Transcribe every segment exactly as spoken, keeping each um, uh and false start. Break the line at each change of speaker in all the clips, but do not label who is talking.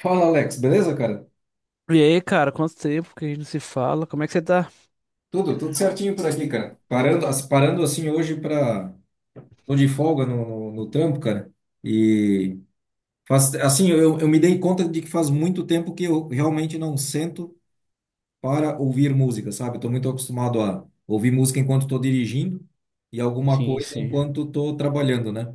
Fala, Alex, beleza, cara?
E aí, cara, quanto tempo que a gente não se fala? Como é que você tá?
Tudo, tudo certinho por aqui, cara. Parando, as- parando assim hoje para tô de folga no, no, no trampo, cara. E faz, assim, eu, eu me dei conta de que faz muito tempo que eu realmente não sento para ouvir música, sabe? Eu tô muito acostumado a ouvir música enquanto tô dirigindo e alguma
Sim,
coisa
sim.
enquanto tô trabalhando, né?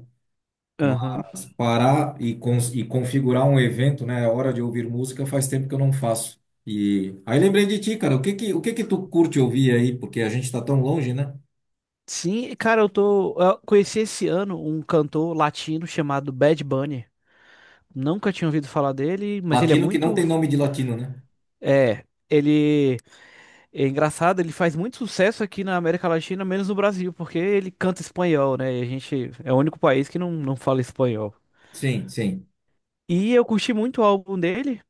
Aham.
Parar e, cons- e configurar um evento, né? A hora de ouvir música faz tempo que eu não faço. E aí lembrei de ti, cara. O que que, o que que tu curte ouvir aí? Porque a gente tá tão longe, né?
Sim, cara, eu tô. Eu conheci esse ano um cantor latino chamado Bad Bunny. Nunca tinha ouvido falar dele, mas ele é
Latino que não
muito.
tem nome de latino, né?
É, ele é engraçado, ele faz muito sucesso aqui na América Latina, menos no Brasil, porque ele canta espanhol, né? E a gente é o único país que não, não fala espanhol.
Sim, sim.
E eu curti muito o álbum dele.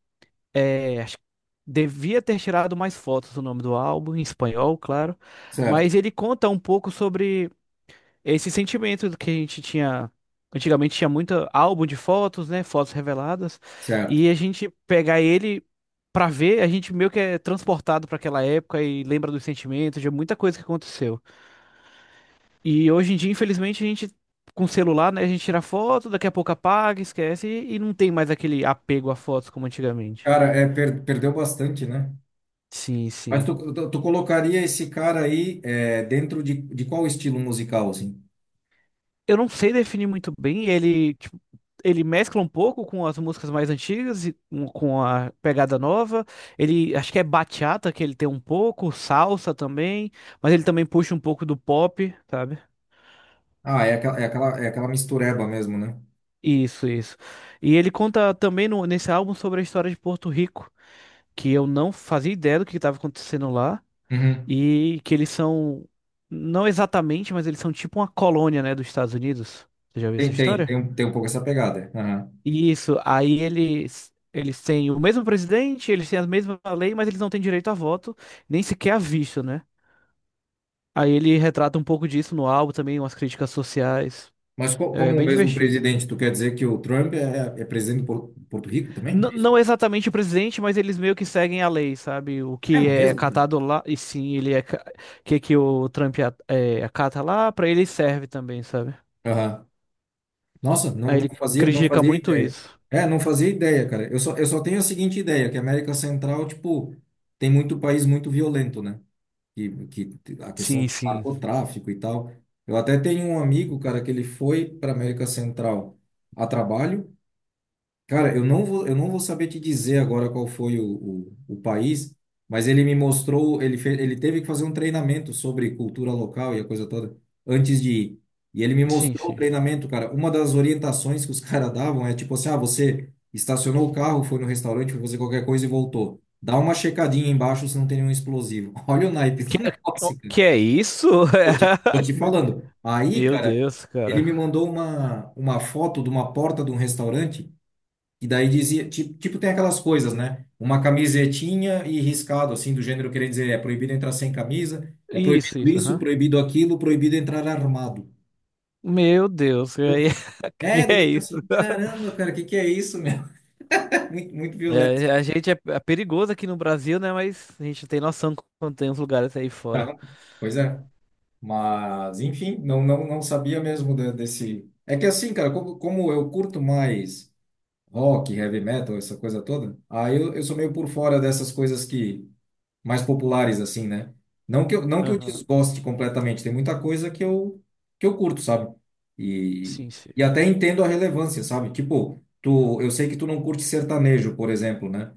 É, acho que devia ter tirado mais fotos do nome do álbum, em espanhol, claro.
Certo,
Mas ele conta um pouco sobre esse sentimento do que a gente tinha. Antigamente tinha muito álbum de fotos, né? Fotos reveladas.
certo.
E a gente pegar ele pra ver, a gente meio que é transportado pra aquela época e lembra dos sentimentos, de muita coisa que aconteceu. E hoje em dia, infelizmente, a gente. Com celular, né? A gente tira foto, daqui a pouco apaga, esquece e e não tem mais aquele apego a fotos como antigamente.
Cara, é, per- perdeu bastante, né?
Sim,
Mas
sim.
tu, tu, tu colocaria esse cara aí é, dentro de, de qual estilo musical, assim?
Eu não sei definir muito bem. Ele, tipo, ele mescla um pouco com as músicas mais antigas e com com a pegada nova. Ele, acho que é bachata que ele tem um pouco, salsa também, mas ele também puxa um pouco do pop, sabe?
Ah, é aquela, é aquela, é aquela mistureba mesmo, né?
Isso, isso. E ele conta também no- nesse álbum sobre a história de Porto Rico, que eu não fazia ideia do que estava acontecendo lá,
Uhum.
e que eles são, não exatamente, mas eles são tipo uma colônia, né, dos Estados Unidos. Você já viu essa
Tem, tem,
história?
tem, um- tem um pouco essa pegada.
Isso, aí eles eles têm o mesmo presidente, eles têm a mesma lei, mas eles não têm direito a voto, nem sequer a visto, né? Aí ele retrata um pouco disso no álbum também, umas críticas sociais.
Mas co-
É
como o
bem
mesmo
divertido.
presidente, tu quer dizer que o Trump é, é presidente de Por- Porto Rico também?
N-
É isso?
não exatamente o presidente, mas eles meio que seguem a lei, sabe? O
É
que é
mesmo, cara.
catado lá, e sim, ele é ca- que que o Trump a- é, acata lá, pra ele serve também, sabe?
Aham. Nossa, não,
Aí
não
ele
fazia, não
critica
fazia
muito
ideia.
isso.
É, não fazia ideia, cara. Eu só, eu só tenho a seguinte ideia, que a América Central, tipo, tem muito país muito violento, né? Que, que a questão
Sim,
do
sim.
narcotráfico e tal. Eu até tenho um amigo, cara, que ele foi para América Central a trabalho. Cara, eu não vou, eu não vou saber te dizer agora qual foi o, o, o país, mas ele me mostrou, ele fez, ele teve que fazer um treinamento sobre cultura local e a coisa toda antes de ir. E ele me
Sim,
mostrou o
sim.
treinamento, cara. Uma das orientações que os caras davam é tipo assim: ah, você estacionou o carro, foi no restaurante, foi fazer qualquer coisa e voltou. Dá uma checadinha embaixo se não tem nenhum explosivo. Olha o naipe
Que,
do negócio, cara.
que é isso?
Tô te, tô te falando. Aí,
Meu
cara,
Deus,
ele
cara.
me mandou uma, uma foto de uma porta de um restaurante. E daí dizia, tipo, tipo, tem aquelas coisas, né? Uma camisetinha e riscado, assim, do gênero querendo dizer, é proibido entrar sem camisa, é
Isso,
proibido
isso,
isso,
aham.
proibido aquilo, proibido entrar armado.
Meu Deus,
Eu
aí,
fico, é,
que
eu
é
fico
isso?
assim, caramba, cara, o que que é isso, meu? Muito, muito violento.
É, a gente é, é perigoso aqui no Brasil, né? Mas a gente não tem noção quando tem uns lugares aí fora.
Tá? Pois é. Mas, enfim, não, não, não sabia mesmo de- desse... É que assim, cara, como, como eu curto mais rock, heavy metal, essa coisa toda, aí eu, eu sou meio por fora dessas coisas que mais populares, assim, né? Não que eu, não que eu
Aham.
desgoste completamente, tem muita coisa que eu, que eu curto, sabe? E,
Sim, sim.
e até entendo a relevância, sabe? Tipo, tu, eu sei que tu não curte sertanejo, por exemplo, né?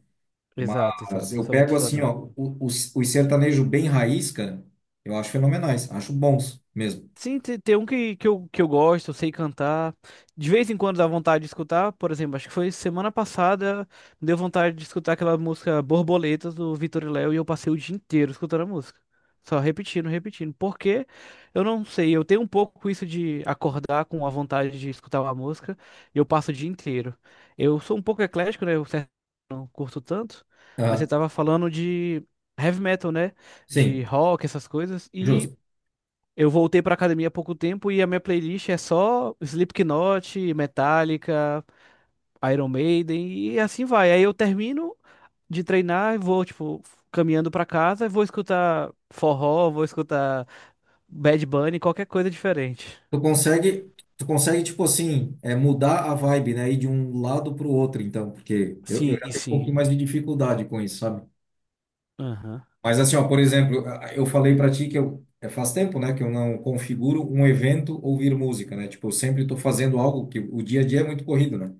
Exato,
Mas
exato. Não
eu
sou muito
pego
fã,
assim,
não.
ó, o- os, os sertanejos bem raiz, cara, eu acho fenomenais, acho bons mesmo.
Sim, te- tem um que, que, eu, que eu gosto, eu sei cantar. De vez em quando dá vontade de escutar, por exemplo, acho que foi semana passada, deu vontade de escutar aquela música Borboletas do Vitor e Léo e eu passei o dia inteiro escutando a música. Só repetindo, repetindo. Porque eu não sei, eu tenho um pouco isso de acordar com a vontade de escutar uma música e eu passo o dia inteiro. Eu sou um pouco eclético, né? Eu certo, não curto tanto, mas você
Ah,
tava falando de heavy metal, né? De
sim,
rock, essas coisas. E.
justo.
Eu voltei pra academia há pouco tempo e a minha playlist é só Slipknot, Metallica, Iron Maiden e assim vai. Aí eu termino de treinar e vou, tipo, caminhando pra casa e vou escutar forró, vou escutar Bad Bunny, qualquer coisa diferente.
Tu consegue, tu consegue, tipo assim, é, mudar a vibe, né? Ir de um lado pro outro, então, porque eu, eu
Sim,
já tenho um
sim.
pouquinho mais de dificuldade com isso, sabe?
Aham.
Mas assim, ó, por exemplo, eu falei para ti que eu é, faz tempo, né, que eu não configuro um evento ouvir música, né? Tipo, eu sempre estou fazendo algo que o dia a dia é muito corrido, né?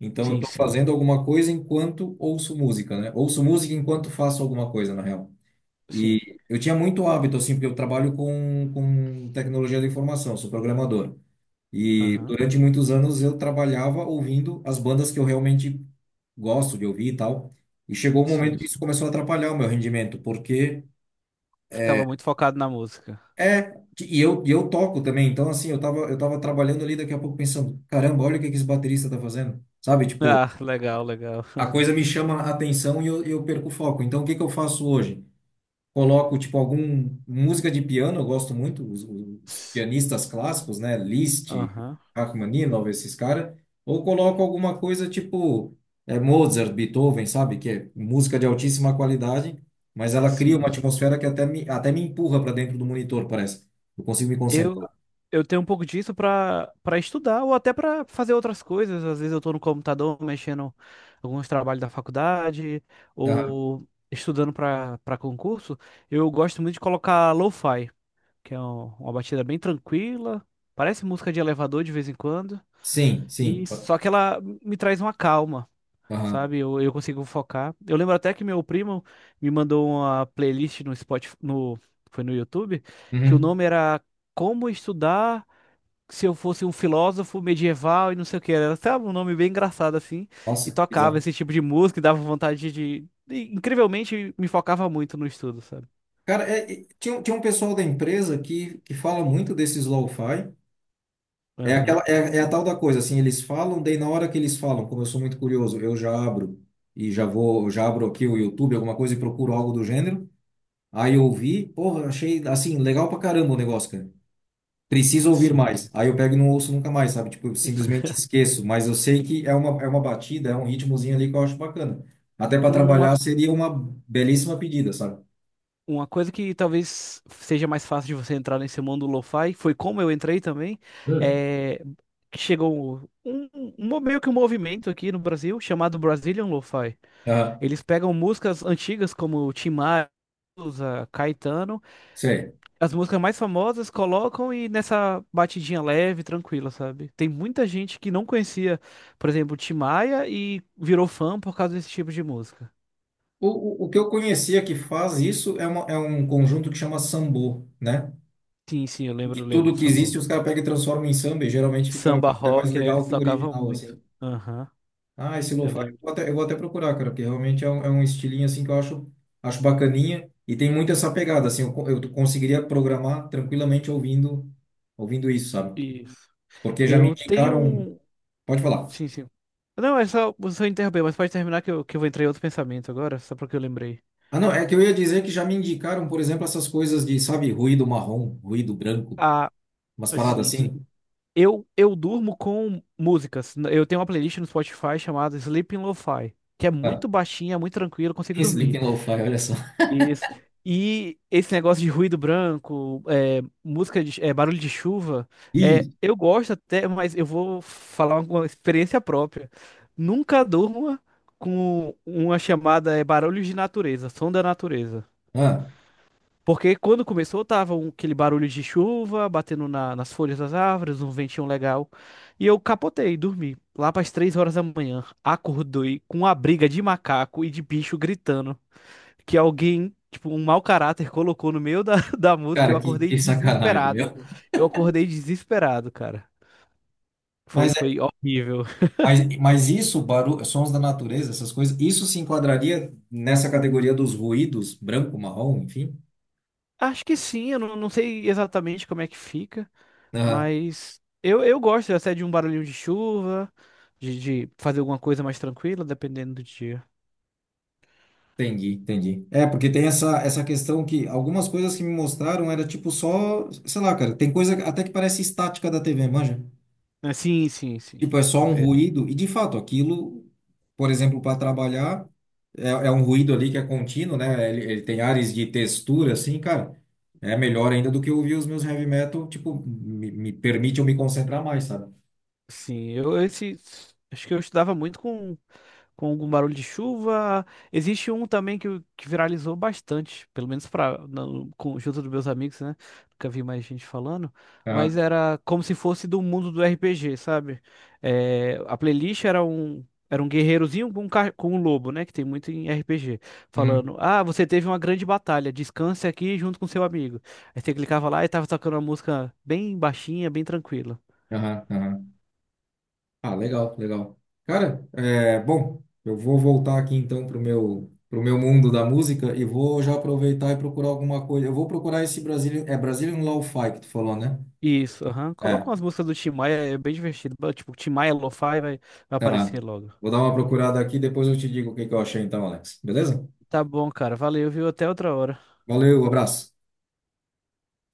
Então eu
Sim,
estou
sim.
fazendo alguma coisa enquanto ouço música, né? Ouço música enquanto faço alguma coisa, na real.
Sim.
E eu tinha muito hábito assim, porque eu trabalho com com tecnologia da informação, sou programador. E
Aham.
durante muitos anos eu trabalhava ouvindo as bandas que eu realmente gosto de ouvir e tal. E chegou um momento
Sim.
que isso começou a atrapalhar o meu rendimento, porque
Ficava muito focado na música.
é, e eu, e eu toco também, então assim, eu tava, eu tava trabalhando ali, daqui a pouco pensando, caramba, olha o que que esse baterista tá fazendo, sabe? Tipo,
Ah, legal, legal.
a coisa me chama a atenção e eu, eu perco o foco. Então, o que que eu faço hoje? Coloco tipo algum música de piano, eu gosto muito os, os pianistas clássicos, né, Liszt,
Aham.
Rachmaninoff, esses caras, ou coloco alguma coisa tipo é, Mozart, Beethoven, sabe, que é música de altíssima qualidade, mas ela cria
Sim.
uma
Sim.
atmosfera que até me até me empurra para dentro do monitor, parece. Eu consigo me
Eu,
concentrar.
eu tenho um pouco disso pra para estudar ou até pra fazer outras coisas. Às vezes eu tô no computador mexendo alguns trabalhos da faculdade
Aham.
ou estudando pra para concurso. Eu gosto muito de colocar lo-fi, que é um- uma batida bem tranquila, parece música de elevador de vez em quando,
Sim, sim.
e só que ela me traz uma calma.
Aham.
Sabe, eu, eu consigo focar. Eu lembro até que meu primo me mandou uma playlist no Spotify, no, foi no YouTube, que o
Uhum.
nome era Como Estudar se eu fosse um filósofo medieval e não sei o que. Era até um nome bem engraçado assim. E
Nossa,
tocava
bizarro.
esse tipo de música e dava vontade de. E, incrivelmente me focava muito no estudo, sabe?
Cara, é, é, tinha, um- tinha um pessoal da empresa que, que fala muito desses lo-fi. É aquela,
Aham,
é, é a tal da coisa, assim, eles falam, daí na hora que eles falam, como eu sou muito curioso, eu já abro e já vou, já abro aqui o YouTube, alguma coisa e procuro algo do gênero. Aí eu ouvi, porra, achei, assim, legal pra caramba o negócio, cara. Preciso ouvir
sim.
mais. Aí eu pego e não ouço nunca mais, sabe? Tipo, eu simplesmente esqueço, mas eu sei que é uma, é uma batida, é um ritmozinho ali que eu acho bacana. Até pra
Uma,
trabalhar seria uma belíssima pedida, sabe?
uma coisa que talvez seja mais fácil de você entrar nesse mundo lo-fi, foi como eu entrei também,
Hum.
é, que chegou um, um- um- meio que um movimento aqui no Brasil chamado Brazilian Lo-Fi.
Ah,
Eles pegam músicas antigas como Tim Maia, Caetano,
sei.
as músicas mais famosas colocam e nessa batidinha leve, tranquila, sabe? Tem muita gente que não conhecia, por exemplo, Tim Maia e virou fã por causa desse tipo de música.
O, o, o que eu conhecia que faz isso é, uma, é um conjunto que chama sambô, né?
Sim, sim, eu
Que
lembro, lembro do
tudo que
samba.
existe os caras pegam e transformam em samba e geralmente fica
Samba
até mais
rock, né?
legal
Eles
que o
tocavam
original, assim.
muito. Aham,
Ah, esse
eu
lo-fi eu
lembro.
vou até, eu vou até procurar, cara, porque realmente é um, é um estilinho assim que eu acho, acho bacaninha e tem muito essa pegada, assim, eu, co- eu conseguiria programar tranquilamente ouvindo, ouvindo isso, sabe?
Isso.
Porque já me
Eu tenho
indicaram,
um.
pode falar.
Sim, sim. Não, é só. Você interromper, mas pode terminar que eu, que eu vou entrar em outro pensamento agora, só porque eu lembrei.
Ah, não, é que eu ia dizer que já me indicaram, por exemplo, essas coisas de, sabe, ruído marrom, ruído branco,
Ah,
umas paradas
sim, sim.
assim.
Eu, eu durmo com músicas. Eu tenho uma playlist no Spotify chamada Sleeping Lo-Fi, que é
Ah,
muito baixinha, muito tranquila, eu consigo dormir.
Sleeping Lo-Fi, olha só.
Isso. E esse negócio de ruído branco, é, música de, é, barulho de chuva, é,
Isso.
eu gosto até, mas eu vou falar uma experiência própria. Nunca durma com uma chamada é, barulhos de natureza, som da natureza.
Ah,
Porque quando começou, tava um- aquele barulho de chuva batendo na- nas folhas das árvores, um ventinho legal. E eu capotei, dormi. Lá para as três horas da manhã, acordei com a briga de macaco e de bicho gritando. Que alguém, tipo, um mau caráter colocou no meio da, da música. Eu
cara, que,
acordei
que sacanagem,
desesperado.
meu.
Eu acordei desesperado, cara. Foi,
Mas
foi horrível.
Mas, mas isso, barulho, sons da natureza, essas coisas, isso se enquadraria nessa categoria dos ruídos, branco, marrom, enfim?
Acho que sim, eu não, não sei exatamente como é que fica.
Aham,
Mas eu, eu gosto até de um barulhinho de chuva, de, de fazer alguma coisa mais tranquila, dependendo do dia.
entendi, entendi. É, porque tem essa, essa questão que algumas coisas que me mostraram era tipo só, sei lá, cara, tem coisa até que parece estática da T V, manja?
Ah, sim, sim, sim.
Tipo, é só um
É,
ruído, e de fato, aquilo, por exemplo, para trabalhar, é, é um ruído ali que é contínuo, né? Ele, ele tem ares de textura, assim, cara. É melhor ainda do que eu ouvir os meus heavy metal, tipo, me, me permite eu me concentrar mais, sabe?
sim, eu esse acho que eu estudava muito com com algum barulho de chuva. Existe um também que, eu- que viralizou bastante, pelo menos para junto dos meus amigos, né? Nunca vi mais gente falando, mas
Aham,
era como se fosse do mundo do R P G, sabe? É, a playlist era um era um guerreirozinho com um, ca- com um lobo, né? Que tem muito em R P G,
uhum,
falando: Ah, você teve uma grande batalha, descanse aqui junto com seu amigo. Aí você clicava lá e tava tocando uma música bem baixinha, bem tranquila.
aham, aham. Ah, legal, legal. Cara, é, bom, eu vou voltar aqui então pro meu, pro meu mundo da música e vou já aproveitar e procurar alguma coisa. Eu vou procurar esse Brazilian, é Brazilian Lo-Fi que tu falou, né?
Isso, aham. Coloca
É.
umas músicas do Tim Maia, é bem divertido. Ba- Tipo, Tim Maia Lo-Fi vai, vai
Tá.
aparecer logo.
Vou dar uma procurada aqui, depois eu te digo o que que eu achei então, Alex. Beleza?
Tá bom, cara. Valeu, viu? Até outra hora.
Valeu, abraço.